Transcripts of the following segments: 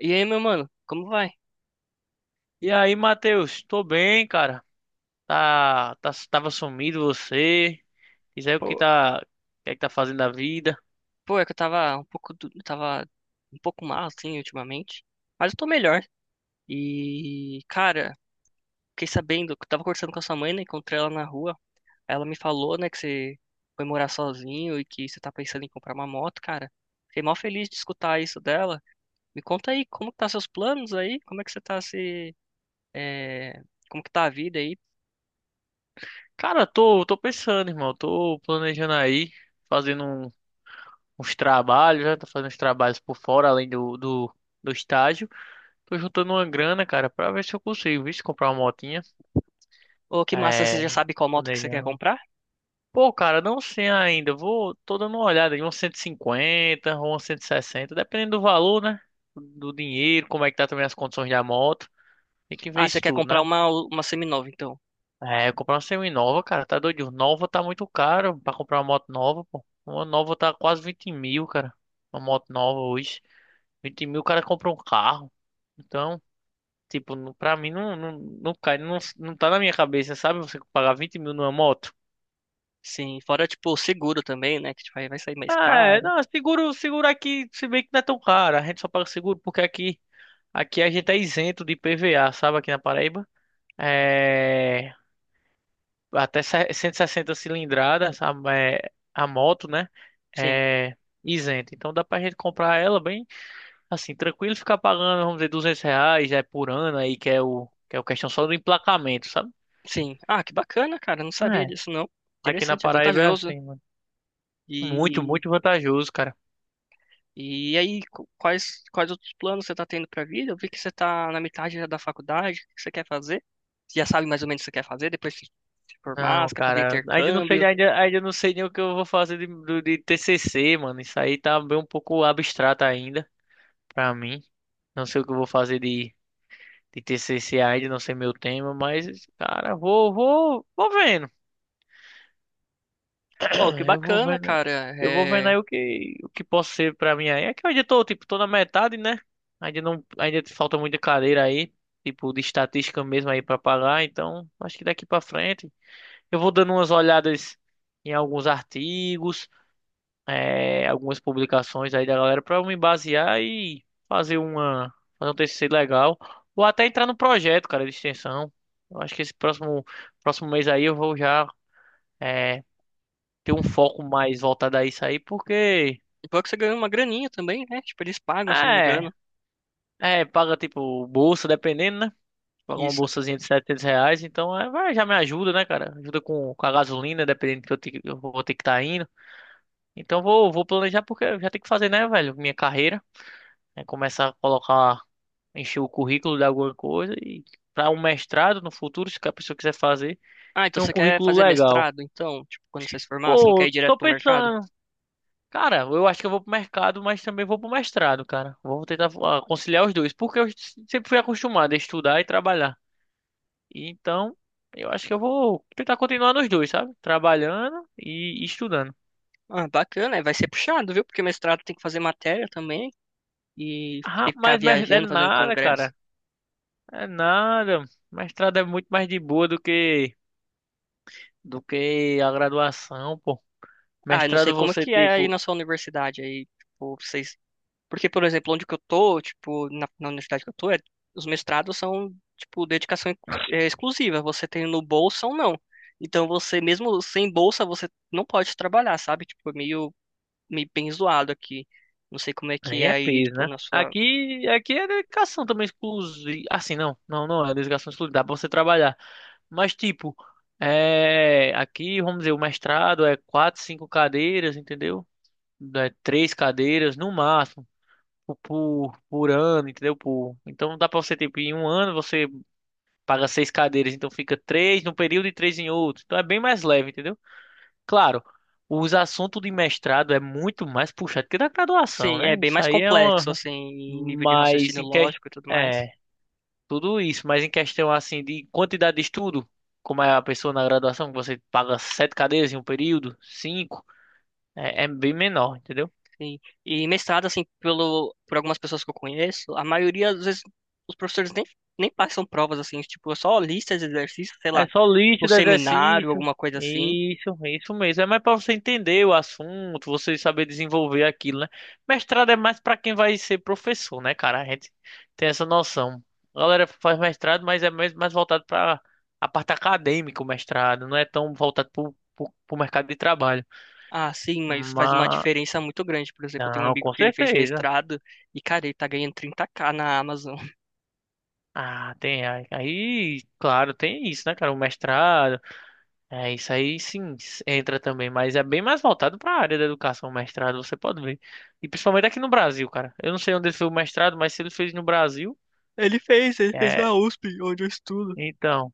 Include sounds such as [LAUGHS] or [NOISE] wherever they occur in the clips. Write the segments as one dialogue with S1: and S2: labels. S1: E aí, meu mano, como vai?
S2: E aí, Matheus? Tô bem, cara. Tá, tá, tava sumido você. Diz aí
S1: Pô,
S2: o que é que tá fazendo da vida.
S1: pô, é que eu tava um pouco, eu tava um pouco mal, assim, ultimamente. Mas eu tô melhor. E, cara, fiquei sabendo, que eu tava conversando com a sua mãe, né? Encontrei ela na rua. Ela me falou, né, que você foi morar sozinho e que você tá pensando em comprar uma moto, cara. Fiquei mal feliz de escutar isso dela. Me conta aí, como que tá seus planos aí? Como é que você tá se... é, Como que tá a vida aí?
S2: Cara, tô pensando, irmão. Tô planejando aí, fazendo uns trabalhos, né? Tô fazendo uns trabalhos por fora, além do estágio. Tô juntando uma grana, cara, pra ver se eu consigo, viu? Se comprar uma motinha.
S1: Ô, que massa, você já
S2: É,
S1: sabe qual moto que você quer
S2: planejando.
S1: comprar?
S2: Pô, cara, não sei ainda. Tô dando uma olhada em uns 150 ou uns 160, dependendo do valor, né? Do dinheiro, como é que tá também as condições da moto. Tem que ver
S1: Ah, você
S2: isso
S1: quer
S2: tudo,
S1: comprar
S2: né?
S1: uma seminova, então.
S2: É, comprar uma semi-nova, cara, tá doido. Nova tá muito caro pra comprar uma moto nova, pô. Uma nova tá quase 20 mil, cara. Uma moto nova hoje. 20 mil o cara compra um carro. Então, tipo, pra mim não, não, não cai, não, não tá na minha cabeça, sabe? Você pagar 20 mil numa moto.
S1: Sim, fora, tipo, o seguro também, né? Que tipo, aí vai sair mais
S2: Ah, é,
S1: caro.
S2: não, seguro, seguro aqui, se bem que não é tão caro, a gente só paga seguro porque aqui a gente é isento de PVA, sabe, aqui na Paraíba. É, até 160 cilindradas a moto, né,
S1: Sim,
S2: é isento. Então dá pra gente comprar ela bem, assim, tranquilo, ficar pagando, vamos dizer, R$ 200 é, por ano aí, que é o questão só do emplacamento, sabe?
S1: sim. Ah, que bacana, cara. Não sabia
S2: É,
S1: disso, não.
S2: aqui na
S1: Interessante, é
S2: Paraíba é
S1: vantajoso.
S2: assim, mano. Muito,
S1: E,
S2: muito vantajoso, cara.
S1: e aí, quais, quais outros planos você tá tendo pra vida? Eu vi que você tá na metade já da faculdade. O que você quer fazer? Você já sabe mais ou menos o que você quer fazer depois de se formar?
S2: Não,
S1: Você quer fazer
S2: cara, ainda não sei,
S1: intercâmbio?
S2: ainda não sei nem o que eu vou fazer de TCC, mano. Isso aí tá bem um pouco abstrato ainda pra mim. Não sei o que eu vou fazer de TCC ainda, não sei meu tema, mas, cara, vou vendo.
S1: Oh, que
S2: [CLEARS THROAT] Eu vou
S1: bacana,
S2: vendo,
S1: cara.
S2: eu vou vendo
S1: É...
S2: aí o que posso ser pra mim aí. É que eu ainda tô, tipo, tô na metade, né? Ainda não, ainda falta muita cadeira aí, tipo, de estatística mesmo aí pra pagar, então acho que daqui pra frente eu vou dando umas olhadas em alguns artigos. É, algumas publicações aí da galera para eu me basear e fazer uma fazer um TCC legal ou até entrar no projeto, cara, de extensão. Eu acho que esse próximo mês aí eu vou já é, ter um foco mais voltado a isso aí, porque
S1: E bom que você ganhou uma graninha também, né? Tipo, eles pagam, se eu não me
S2: é,
S1: engano.
S2: é paga tipo bolsa, dependendo, né? Paga uma
S1: Isso.
S2: bolsazinha de R$ 700, então vai, já me ajuda, né, cara? Ajuda com a gasolina, dependendo do que eu vou ter que estar indo. Então vou, vou planejar porque eu já tenho que fazer, né, velho, minha carreira. Né? Começar a colocar, encher o currículo de alguma coisa e para um mestrado no futuro, se a pessoa quiser fazer,
S1: Ah, então
S2: tem um
S1: você quer
S2: currículo
S1: fazer
S2: legal.
S1: mestrado, então? Tipo, quando você se formar, você não quer
S2: Pô,
S1: ir direto
S2: tô
S1: pro mercado?
S2: pensando, cara, eu acho que eu vou pro mercado, mas também vou pro mestrado, cara. Vou tentar conciliar os dois, porque eu sempre fui acostumado a estudar e trabalhar. Então, eu acho que eu vou tentar continuar nos dois, sabe? Trabalhando e estudando.
S1: Ah, bacana, é, vai ser puxado, viu? Porque mestrado tem que fazer matéria também e
S2: Ah,
S1: tem que ficar
S2: mas é
S1: viajando, fazendo
S2: nada,
S1: congresso.
S2: cara. É nada. Mestrado é muito mais de boa do que a graduação, pô.
S1: Ah, eu não sei
S2: Mestrado
S1: como é
S2: você,
S1: que é aí
S2: tipo,
S1: na sua universidade aí, tipo, vocês... Porque, por exemplo, onde que eu tô, tipo, na universidade que eu tô, os mestrados são, tipo, exclusiva. Você tem no bolsa ou não. Então, você, mesmo sem bolsa, você não pode trabalhar, sabe? Tipo, meio bem zoado aqui. Não sei como é que
S2: aí
S1: é
S2: é
S1: aí,
S2: peso,
S1: tipo,
S2: né?
S1: na sua...
S2: Aqui é dedicação também exclusiva. Assim, não, não, não é dedicação exclusiva, dá pra você trabalhar. Mas, tipo, aqui, vamos dizer, o mestrado é quatro, cinco cadeiras, entendeu? É três cadeiras no máximo. Por ano, entendeu? Por... Então dá pra você, tipo, em um ano você paga seis cadeiras, então fica três num período e três em outro. Então é bem mais leve, entendeu? Claro, os assuntos de mestrado é muito mais puxado que da graduação,
S1: Sim,
S2: né?
S1: é bem
S2: Isso
S1: mais
S2: aí é
S1: complexo,
S2: uma.
S1: assim, em nível de
S2: Mas
S1: raciocínio
S2: em que...
S1: lógico e tudo mais.
S2: É, tudo isso, mas em questão assim de quantidade de estudo, como é a pessoa na graduação, que você paga sete cadeias em um período, cinco, é bem menor, entendeu?
S1: Sim. E mestrado, assim, pelo, por algumas pessoas que eu conheço, a maioria, às vezes, os professores nem passam provas, assim, tipo, é só listas de exercícios, sei
S2: É
S1: lá,
S2: só
S1: o
S2: líquido,
S1: seminário,
S2: exercício.
S1: alguma coisa assim.
S2: Isso mesmo. É mais pra você entender o assunto, você saber desenvolver aquilo, né? Mestrado é mais pra quem vai ser professor, né, cara? A gente tem essa noção. A galera faz mestrado, mas é mais voltado pra a parte acadêmica, o mestrado. Não é tão voltado pro mercado de trabalho.
S1: Ah, sim, mas faz uma
S2: Mas,
S1: diferença muito grande. Por exemplo, eu tenho um
S2: não,
S1: amigo
S2: com
S1: que ele fez
S2: certeza.
S1: mestrado e, cara, ele tá ganhando 30k na Amazon. [LAUGHS]
S2: Ah, tem. Aí, claro, tem isso, né, cara? O mestrado. É, isso aí sim entra também, mas é bem mais voltado para a área da educação, mestrado, você pode ver. E principalmente aqui no Brasil, cara. Eu não sei onde ele fez o mestrado, mas se ele fez no Brasil,
S1: Ele fez
S2: é,
S1: na USP, onde eu estudo.
S2: então,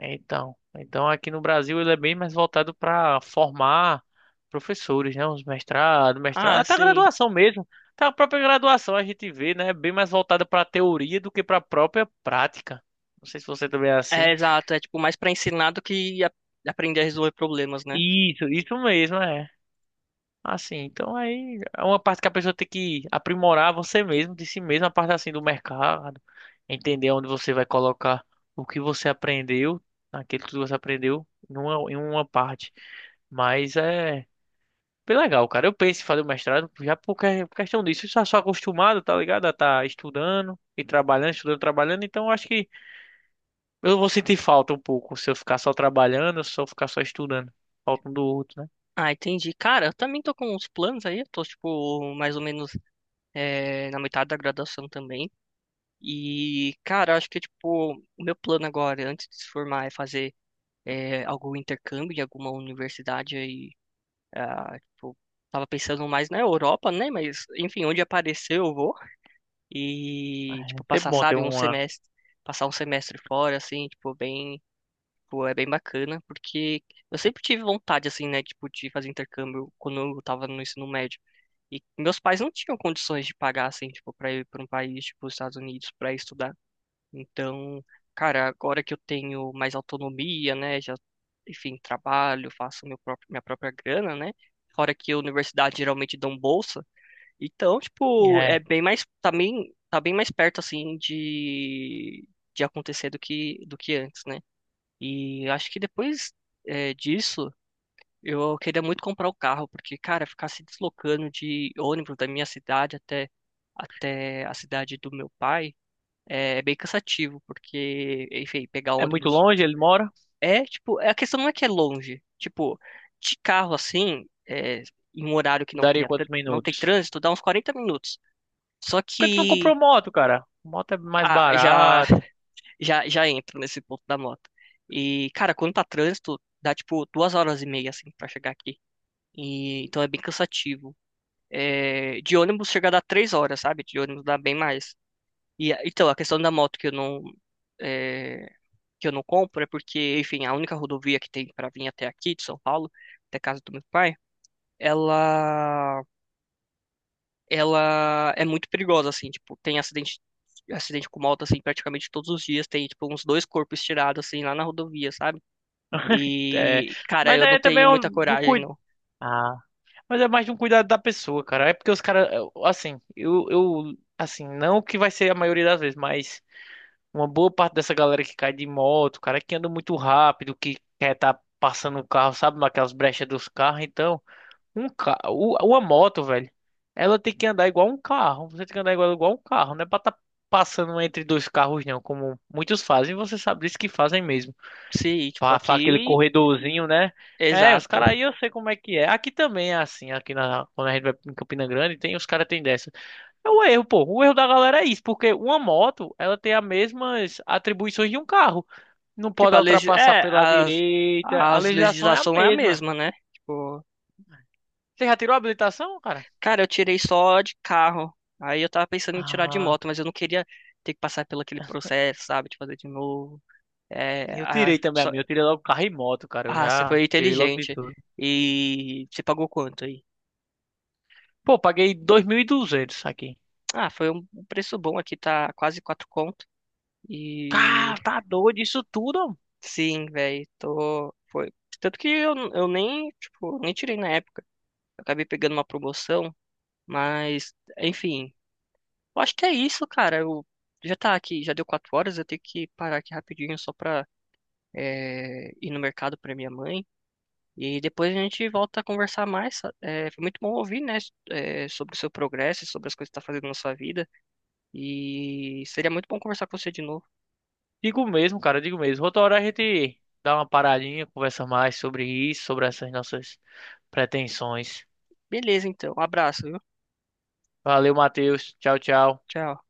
S2: então, aqui no Brasil ele é bem mais voltado para formar professores, né? Os mestrados, mestrado,
S1: Ah,
S2: até a
S1: sim.
S2: graduação mesmo. Até a própria graduação a gente vê, né? É bem mais voltada para a teoria do que para a própria prática. Não sei se você também é assim.
S1: É, exato. É, tipo, mais pra ensinar do que aprender a resolver problemas, né?
S2: Isso mesmo, é. Assim, então aí é uma parte que a pessoa tem que aprimorar você mesmo, de si mesmo, a parte assim do mercado, entender onde você vai colocar o que você aprendeu, aquilo que você aprendeu em uma parte. Mas é bem legal, cara. Eu penso em fazer o mestrado já por questão disso. Eu já sou acostumado, tá ligado? A tá estudando e trabalhando, estudando, trabalhando. Então eu acho que eu vou sentir falta um pouco se eu ficar só trabalhando, se eu ficar só estudando. Falta um do outro, né?
S1: Ah, entendi. Cara, eu também tô com uns planos aí. Eu tô, tipo, mais ou menos é, na metade da graduação também. E, cara, acho que, tipo, o meu plano agora, antes de se formar, é fazer é, algum intercâmbio em alguma universidade aí. Ah, tipo, tava pensando mais na Europa, né? Mas, enfim, onde aparecer eu vou. E,
S2: É
S1: tipo,
S2: sempre
S1: passar,
S2: bom ter
S1: sabe,
S2: uma.
S1: passar um semestre fora, assim, tipo, bem. Pô, é bem bacana, porque eu sempre tive vontade, assim, né, tipo, de fazer intercâmbio quando eu tava no ensino médio. E meus pais não tinham condições de pagar, assim, tipo, pra ir pra um país, tipo, os Estados Unidos, pra estudar. Então, cara, agora que eu tenho mais autonomia, né, já, enfim, trabalho, faço minha própria grana, né, fora que a universidade geralmente dão bolsa. Então, tipo, é
S2: É,
S1: bem mais, também, tá bem mais perto, assim, de acontecer do que antes, né? E acho que depois é, disso, eu queria muito comprar o carro, porque, cara, ficar se deslocando de ônibus da minha cidade até, até a cidade do meu pai eh, é, bem cansativo, porque, enfim, pegar
S2: é muito
S1: ônibus
S2: longe, ele mora.
S1: é, tipo, a questão não é que é longe. Tipo, de carro assim, é, em um horário que
S2: Daria quantos
S1: não tem
S2: minutos?
S1: trânsito, dá uns 40 minutos. Só
S2: Por que tu não comprou
S1: que.
S2: moto, cara? Moto é mais
S1: Ah,
S2: barato.
S1: já entro nesse ponto da moto. E, cara, quando tá trânsito, dá tipo 2 horas e meia, assim, pra chegar aqui. E, então é bem cansativo. É, de ônibus chega a dar 3 horas, sabe? De ônibus dá bem mais. E, então, a questão da moto que eu não, é, que eu não compro é porque, enfim, a única rodovia que tem pra vir até aqui, de São Paulo, até a casa do meu pai, ela, ela é muito perigosa, assim, tipo, tem acidente. Acidente com moto, assim, praticamente todos os dias. Tem, tipo, uns dois corpos tirados, assim, lá na rodovia, sabe?
S2: É...
S1: E, cara,
S2: Mas
S1: eu não
S2: é
S1: tenho
S2: também
S1: muita
S2: do
S1: coragem,
S2: cuidado.
S1: não.
S2: Ah, mas é mais de um cuidado da pessoa, cara. É porque os caras, assim, assim, não que vai ser a maioria das vezes, mas uma boa parte dessa galera que cai de moto, cara, que anda muito rápido, que quer tá passando o carro, sabe, naquelas brechas dos carros, então. Um ca... Uma moto, velho. Ela tem que andar igual um carro. Você tem que andar igual, igual um carro. Não é pra estar passando entre dois carros, não. Como muitos fazem. Você sabe disso que fazem mesmo.
S1: Sim, tipo,
S2: Pra aquele
S1: aqui,
S2: corredorzinho, né? É, os
S1: exato.
S2: caras aí eu sei como é que é. Aqui também é assim. Aqui na... quando a gente vai em Campina Grande, tem, os caras tem dessa. É o erro, pô. O erro da galera é isso. Porque uma moto, ela tem as mesmas atribuições de um carro. Não
S1: Tipo,
S2: pode
S1: a legis...
S2: ultrapassar
S1: é,
S2: pela
S1: as,
S2: direita. A
S1: as
S2: legislação é a
S1: legislação é a
S2: mesma.
S1: mesma, né? Tipo,
S2: Você já tirou a habilitação, cara?
S1: cara, eu tirei só de carro. Aí eu tava pensando em tirar de
S2: Ah.
S1: moto, mas eu não queria ter que passar pelo aquele processo, sabe? De fazer de novo. É,
S2: Eu
S1: ah,
S2: tirei também a
S1: só-
S2: minha. Eu tirei logo carro e moto, cara. Eu
S1: ah, você
S2: já
S1: foi
S2: tirei logo de
S1: inteligente.
S2: tudo.
S1: E você pagou quanto aí?
S2: Pô, paguei 2.200 aqui.
S1: Ah, foi um preço bom aqui, tá quase quatro conto.
S2: Cara,
S1: E
S2: tá doido isso tudo? Homem.
S1: sim, velho, tô. Foi. Tanto que eu nem, tipo, nem tirei na época. Eu acabei pegando uma promoção, mas, enfim. Eu acho que é isso, cara. Eu já tá aqui, já deu 4 horas, eu tenho que parar aqui rapidinho só pra é, ir no mercado pra minha mãe. E depois a gente volta a conversar mais. É, foi muito bom ouvir, né, é, sobre o seu progresso, sobre as coisas que tá fazendo na sua vida. E seria muito bom conversar com você de novo.
S2: Digo mesmo, cara. Digo mesmo. Outra hora a gente dá uma paradinha, conversa mais sobre isso, sobre essas nossas pretensões.
S1: Beleza, então. Um abraço, viu?
S2: Valeu, Matheus. Tchau, tchau.
S1: Tchau.